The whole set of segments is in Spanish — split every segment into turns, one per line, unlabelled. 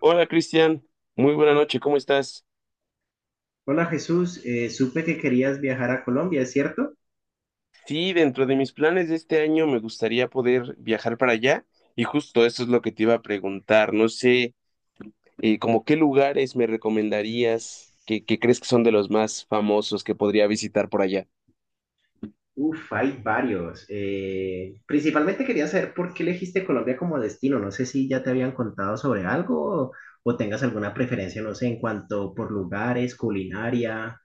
Hola Cristian, muy buena noche, ¿cómo estás?
Hola Jesús, supe que querías viajar a Colombia, ¿es cierto?
Sí, dentro de mis planes de este año me gustaría poder viajar para allá y justo eso es lo que te iba a preguntar. No sé, como qué lugares me recomendarías que crees que son de los más famosos que podría visitar por allá.
Uf, hay varios. Principalmente quería saber por qué elegiste Colombia como destino. No sé si ya te habían contado sobre algo o tengas alguna preferencia, no sé, en cuanto por lugares, culinaria,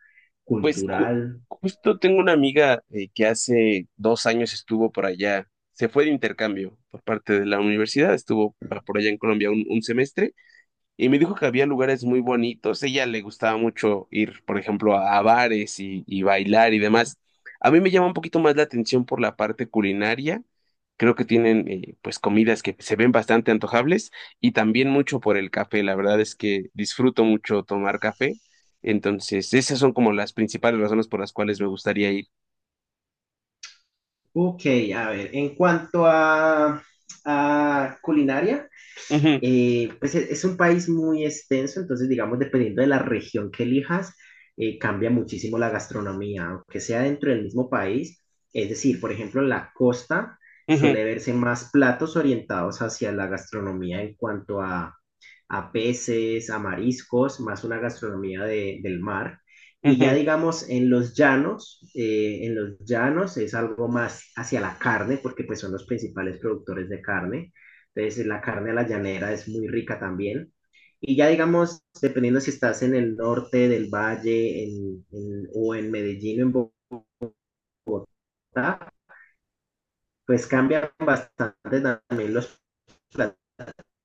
Pues
cultural.
justo tengo una amiga que hace dos años estuvo por allá, se fue de intercambio por parte de la universidad, estuvo por allá en Colombia un semestre y me dijo que había lugares muy bonitos. Ella le gustaba mucho ir, por ejemplo, a bares y bailar y demás. A mí me llama un poquito más la atención por la parte culinaria. Creo que tienen pues comidas que se ven bastante antojables y también mucho por el café. La verdad es que disfruto mucho tomar café. Entonces, esas son como las principales razones por las cuales me gustaría ir.
Ok, a ver, en a culinaria.
Ujú,
Es un país muy extenso, entonces digamos, dependiendo de la región que elijas, cambia muchísimo la gastronomía, aunque sea dentro del mismo país. Es decir, por ejemplo, en la costa
ujú,
suele verse más platos orientados hacia la gastronomía en cuanto a peces, a mariscos, más una gastronomía del mar. Y ya
ujú.
digamos, en los llanos es algo más hacia la carne, porque pues son los principales productores de carne. Entonces la carne de la llanera es muy rica también. Y ya digamos, dependiendo si estás en el norte del valle o en Medellín o en Bogotá, pues cambian bastante también los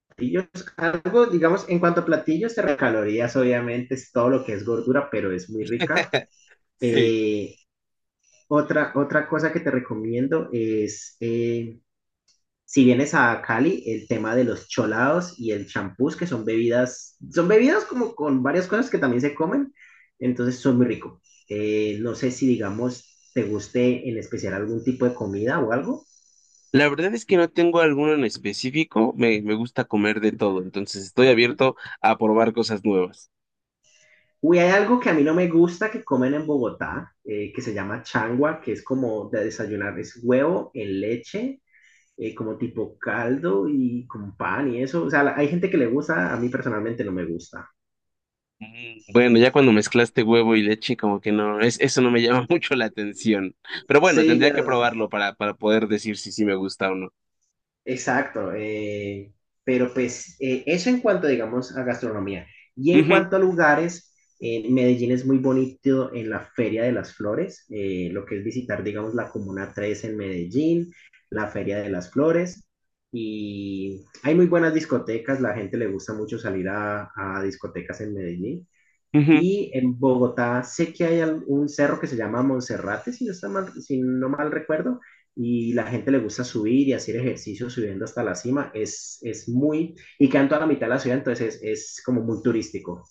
platillos. Algo, digamos, en cuanto a platillos, calorías obviamente es todo lo que es gordura, pero es muy rica.
Sí.
Eh, otra cosa que te recomiendo es si vienes a Cali, el tema de los cholados y el champús, que son bebidas como con varias cosas que también se comen, entonces son muy rico. No sé si, digamos, te guste en especial algún tipo de comida o algo.
La verdad es que no tengo alguno en específico, me gusta comer de todo, entonces estoy abierto a probar cosas nuevas.
Uy, hay algo que a mí no me gusta que comen en Bogotá, que se llama changua, que es como de desayunar, es huevo en leche, como tipo caldo y con pan y eso. O sea, hay gente que le gusta, a mí personalmente no me gusta.
Mm, bueno, ya cuando mezclaste huevo y leche, como que no, es, eso no me llama mucho la atención. Pero bueno,
Sí,
tendría
ya.
que probarlo para poder decir si sí me gusta o no.
Exacto, pero pues eso en cuanto, digamos, a gastronomía. Y en
Ujú,
cuanto a lugares, Medellín es muy bonito en la Feria de las Flores, lo que es visitar, digamos, la Comuna Tres en Medellín, la Feria de las Flores, y hay muy buenas discotecas, la gente le gusta mucho salir a discotecas en Medellín.
ujú.
Y en Bogotá sé que hay un cerro que se llama Monserrate, si no, está mal, si no mal recuerdo, y la gente le gusta subir y hacer ejercicio subiendo hasta la cima. Es muy, y quedan toda la mitad de la ciudad, entonces es como muy turístico.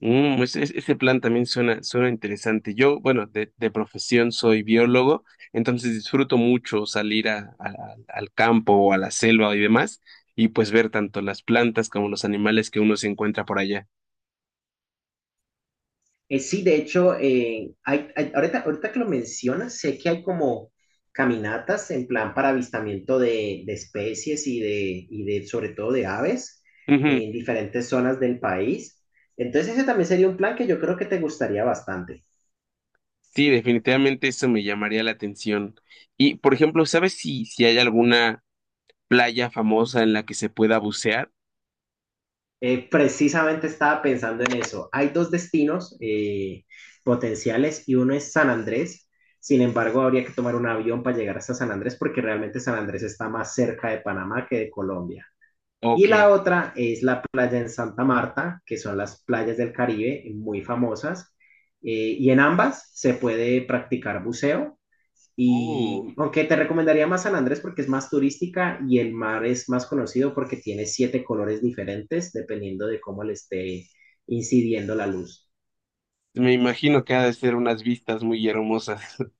Mm, pues ese plan también suena, suena interesante. Yo, bueno, de profesión soy biólogo, entonces disfruto mucho salir al campo o a la selva y demás, y pues ver tanto las plantas como los animales que uno se encuentra por allá.
Sí, de hecho, ahorita que lo mencionas, sé que hay como caminatas en plan para avistamiento de especies y de sobre todo de aves
Ujú.
en diferentes zonas del país. Entonces ese también sería un plan que yo creo que te gustaría bastante.
Sí, definitivamente eso me llamaría la atención. Y, por ejemplo, ¿sabes si hay alguna playa famosa en la que se pueda bucear?
Precisamente estaba pensando en eso. Hay dos destinos potenciales y uno es San Andrés. Sin embargo, habría que tomar un avión para llegar hasta San Andrés porque realmente San Andrés está más cerca de Panamá que de Colombia. Y
Ok.
la otra es la playa en Santa Marta, que son las playas del Caribe muy famosas. Y en ambas se puede practicar buceo.
Uh,
Y aunque te recomendaría más San Andrés porque es más turística y el mar es más conocido porque tiene siete colores diferentes dependiendo de cómo le esté incidiendo la luz.
me imagino que ha de ser unas vistas muy hermosas.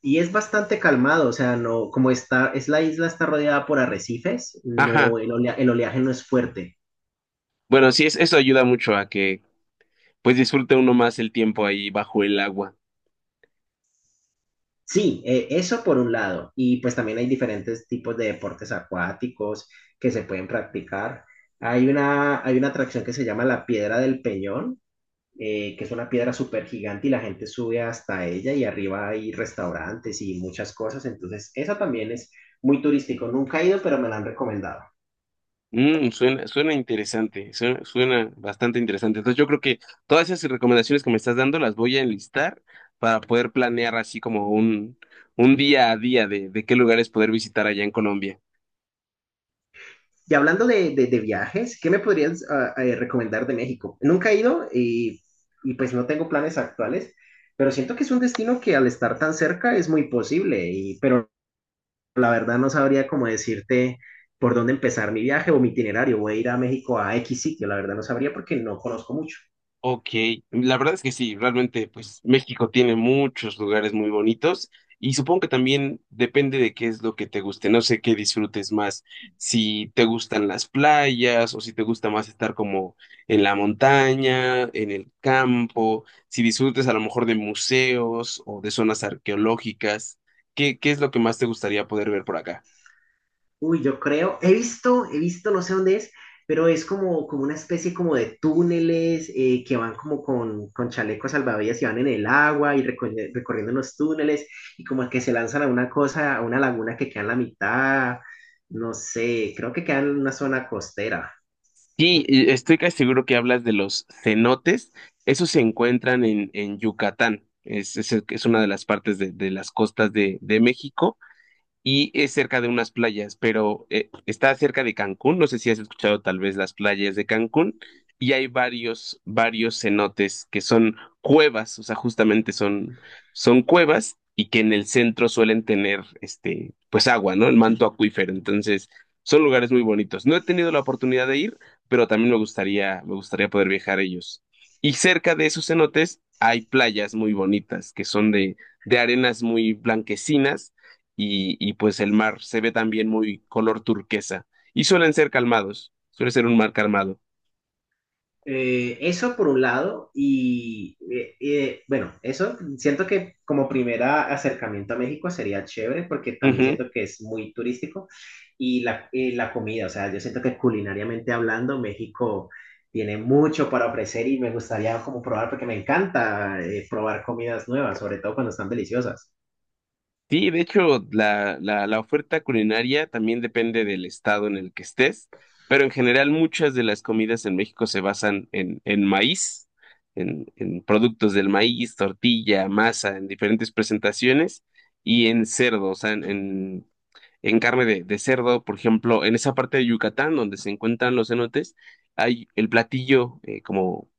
Y es bastante calmado, o sea, no, como está, es la isla está rodeada por arrecifes,
Ajá.
no, el oleaje no es fuerte.
Bueno, sí, es, eso ayuda mucho a que pues disfruta uno más el tiempo ahí bajo el agua.
Sí, eso por un lado. Y pues también hay diferentes tipos de deportes acuáticos que se pueden practicar. Hay una atracción que se llama la Piedra del Peñón, que es una piedra súper gigante y la gente sube hasta ella y arriba hay restaurantes y muchas cosas. Entonces, esa también es muy turístico. Nunca he ido, pero me la han recomendado.
Mm, suena, suena interesante, suena, suena bastante interesante. Entonces yo creo que todas esas recomendaciones que me estás dando las voy a enlistar para poder planear así como un día a día de qué lugares poder visitar allá en Colombia.
Y hablando de viajes, ¿qué me podrías recomendar de México? Nunca he ido y pues no tengo planes actuales, pero siento que es un destino que al estar tan cerca es muy posible, y, pero la verdad no sabría cómo decirte por dónde empezar mi viaje o mi itinerario. Voy a ir a México a X sitio, la verdad no sabría porque no conozco mucho.
Ok, la verdad es que sí, realmente pues México tiene muchos lugares muy bonitos y supongo que también depende de qué es lo que te guste, no sé qué disfrutes más, si te gustan las playas o si te gusta más estar como en la montaña, en el campo, si disfrutes a lo mejor de museos o de zonas arqueológicas, ¿ qué es lo que más te gustaría poder ver por acá?
Uy, yo creo, he visto, no sé dónde es, pero es como, como una especie como de túneles que van como con chalecos salvavidas y van en el agua y recorriendo los túneles y como que se lanzan a una cosa, a una laguna que queda en la mitad, no sé, creo que queda en una zona costera.
Sí, y estoy casi seguro que hablas de los cenotes. Esos se encuentran en Yucatán. Es una de las partes de las costas de México y es cerca de unas playas, pero está cerca de Cancún. No sé si has escuchado tal vez las playas de Cancún. Y hay varios, varios cenotes que son cuevas, o sea, justamente son, son cuevas y que en el centro suelen tener, este, pues agua, ¿no? El manto acuífero. Entonces, son lugares muy bonitos. No he tenido la oportunidad de ir, pero también me gustaría poder viajar a ellos. Y cerca de esos cenotes hay playas muy bonitas que son de arenas muy blanquecinas y pues el mar se ve también muy color turquesa y suelen ser calmados, suele ser un mar calmado.
Eso por un lado, y bueno, eso siento que como primera acercamiento a México sería chévere porque también
Ujú.
siento que es muy turístico y la comida, o sea, yo siento que culinariamente hablando, México tiene mucho para ofrecer y me gustaría como probar porque me encanta probar comidas nuevas, sobre todo cuando están deliciosas.
Sí, de hecho, la oferta culinaria también depende del estado en el que estés, pero en general muchas de las comidas en México se basan en maíz, en productos del maíz, tortilla, masa, en diferentes presentaciones y en cerdo, o sea, en carne de cerdo, por ejemplo, en esa parte de Yucatán donde se encuentran los cenotes, hay el platillo como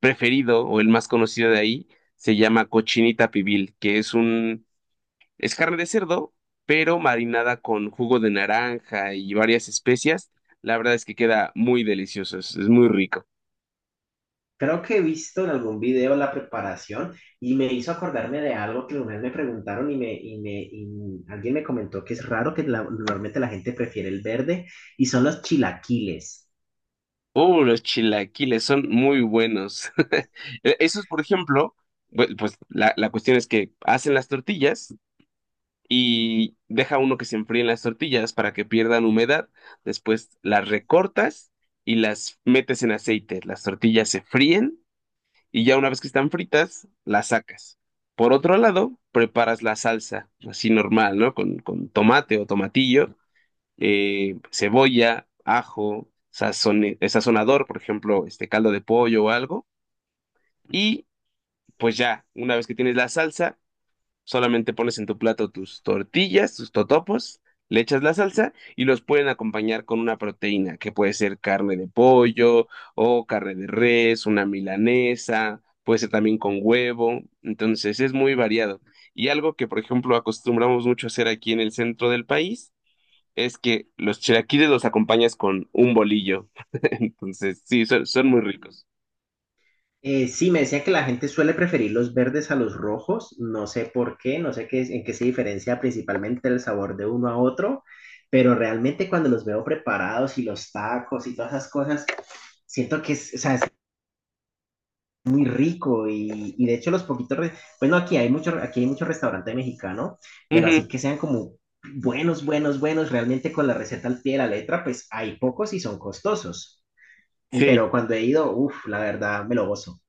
preferido o el más conocido de ahí, se llama cochinita pibil, que es un, es carne de cerdo, pero marinada con jugo de naranja y varias especias. La verdad es que queda muy delicioso, es muy rico.
Creo que he visto en algún video la preparación y me hizo acordarme de algo que una vez me preguntaron y alguien me comentó que es raro que normalmente la gente prefiere el verde y son los chilaquiles.
Los chilaquiles son muy buenos. Esos, por ejemplo, pues la cuestión es que hacen las tortillas, y deja uno que se enfríen las tortillas para que pierdan humedad. Después las recortas y las metes en aceite. Las tortillas se fríen y ya una vez que están fritas, las sacas. Por otro lado, preparas la salsa, así normal, ¿no? Con tomate o tomatillo, cebolla, ajo, sazonador, por ejemplo, este caldo de pollo o algo. Y pues ya, una vez que tienes la salsa, solamente pones en tu plato tus tortillas, tus totopos, le echas la salsa y los pueden acompañar con una proteína, que puede ser carne de pollo o carne de res, una milanesa, puede ser también con huevo. Entonces es muy variado. Y algo que, por ejemplo, acostumbramos mucho a hacer aquí en el centro del país es que los chilaquiles los acompañas con un bolillo. Entonces, sí, son, son muy ricos.
Sí, me decía que la gente suele preferir los verdes a los rojos, no sé por qué, no sé qué, en qué se diferencia principalmente el sabor de uno a otro, pero realmente cuando los veo preparados y los tacos y todas esas cosas, siento que es, o sea, muy rico y de hecho los poquitos, aquí hay mucho restaurante mexicano, pero
Ujú,
así que sean como buenos, realmente con la receta al pie de la letra, pues hay pocos y son costosos. Y
sí.
pero cuando he ido, uff, la verdad, me lo gozo.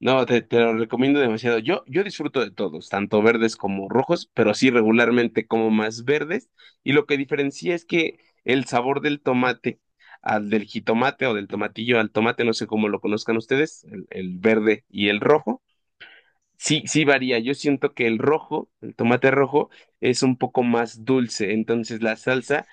No, te lo recomiendo demasiado. Yo disfruto de todos, tanto verdes como rojos, pero sí regularmente como más verdes. Y lo que diferencia es que el sabor del tomate al del jitomate o del tomatillo al tomate, no sé cómo lo conozcan ustedes, el verde y el rojo, sí, sí varía. Yo siento que el rojo, el tomate rojo, es un poco más dulce. Entonces la salsa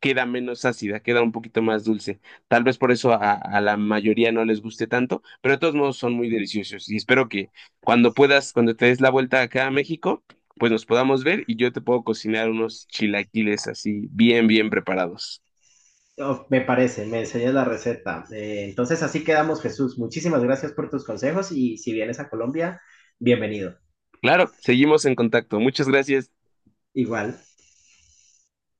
queda menos ácida, queda un poquito más dulce. Tal vez por eso a la mayoría no les guste tanto, pero de todos modos son muy deliciosos y espero que cuando puedas, cuando te des la vuelta acá a México, pues nos podamos ver y yo te puedo cocinar unos chilaquiles así bien, bien preparados.
Oh, me parece, me enseñas la receta. Entonces así quedamos, Jesús. Muchísimas gracias por tus consejos y si vienes a Colombia, bienvenido.
Claro, seguimos en contacto. Muchas gracias.
Igual.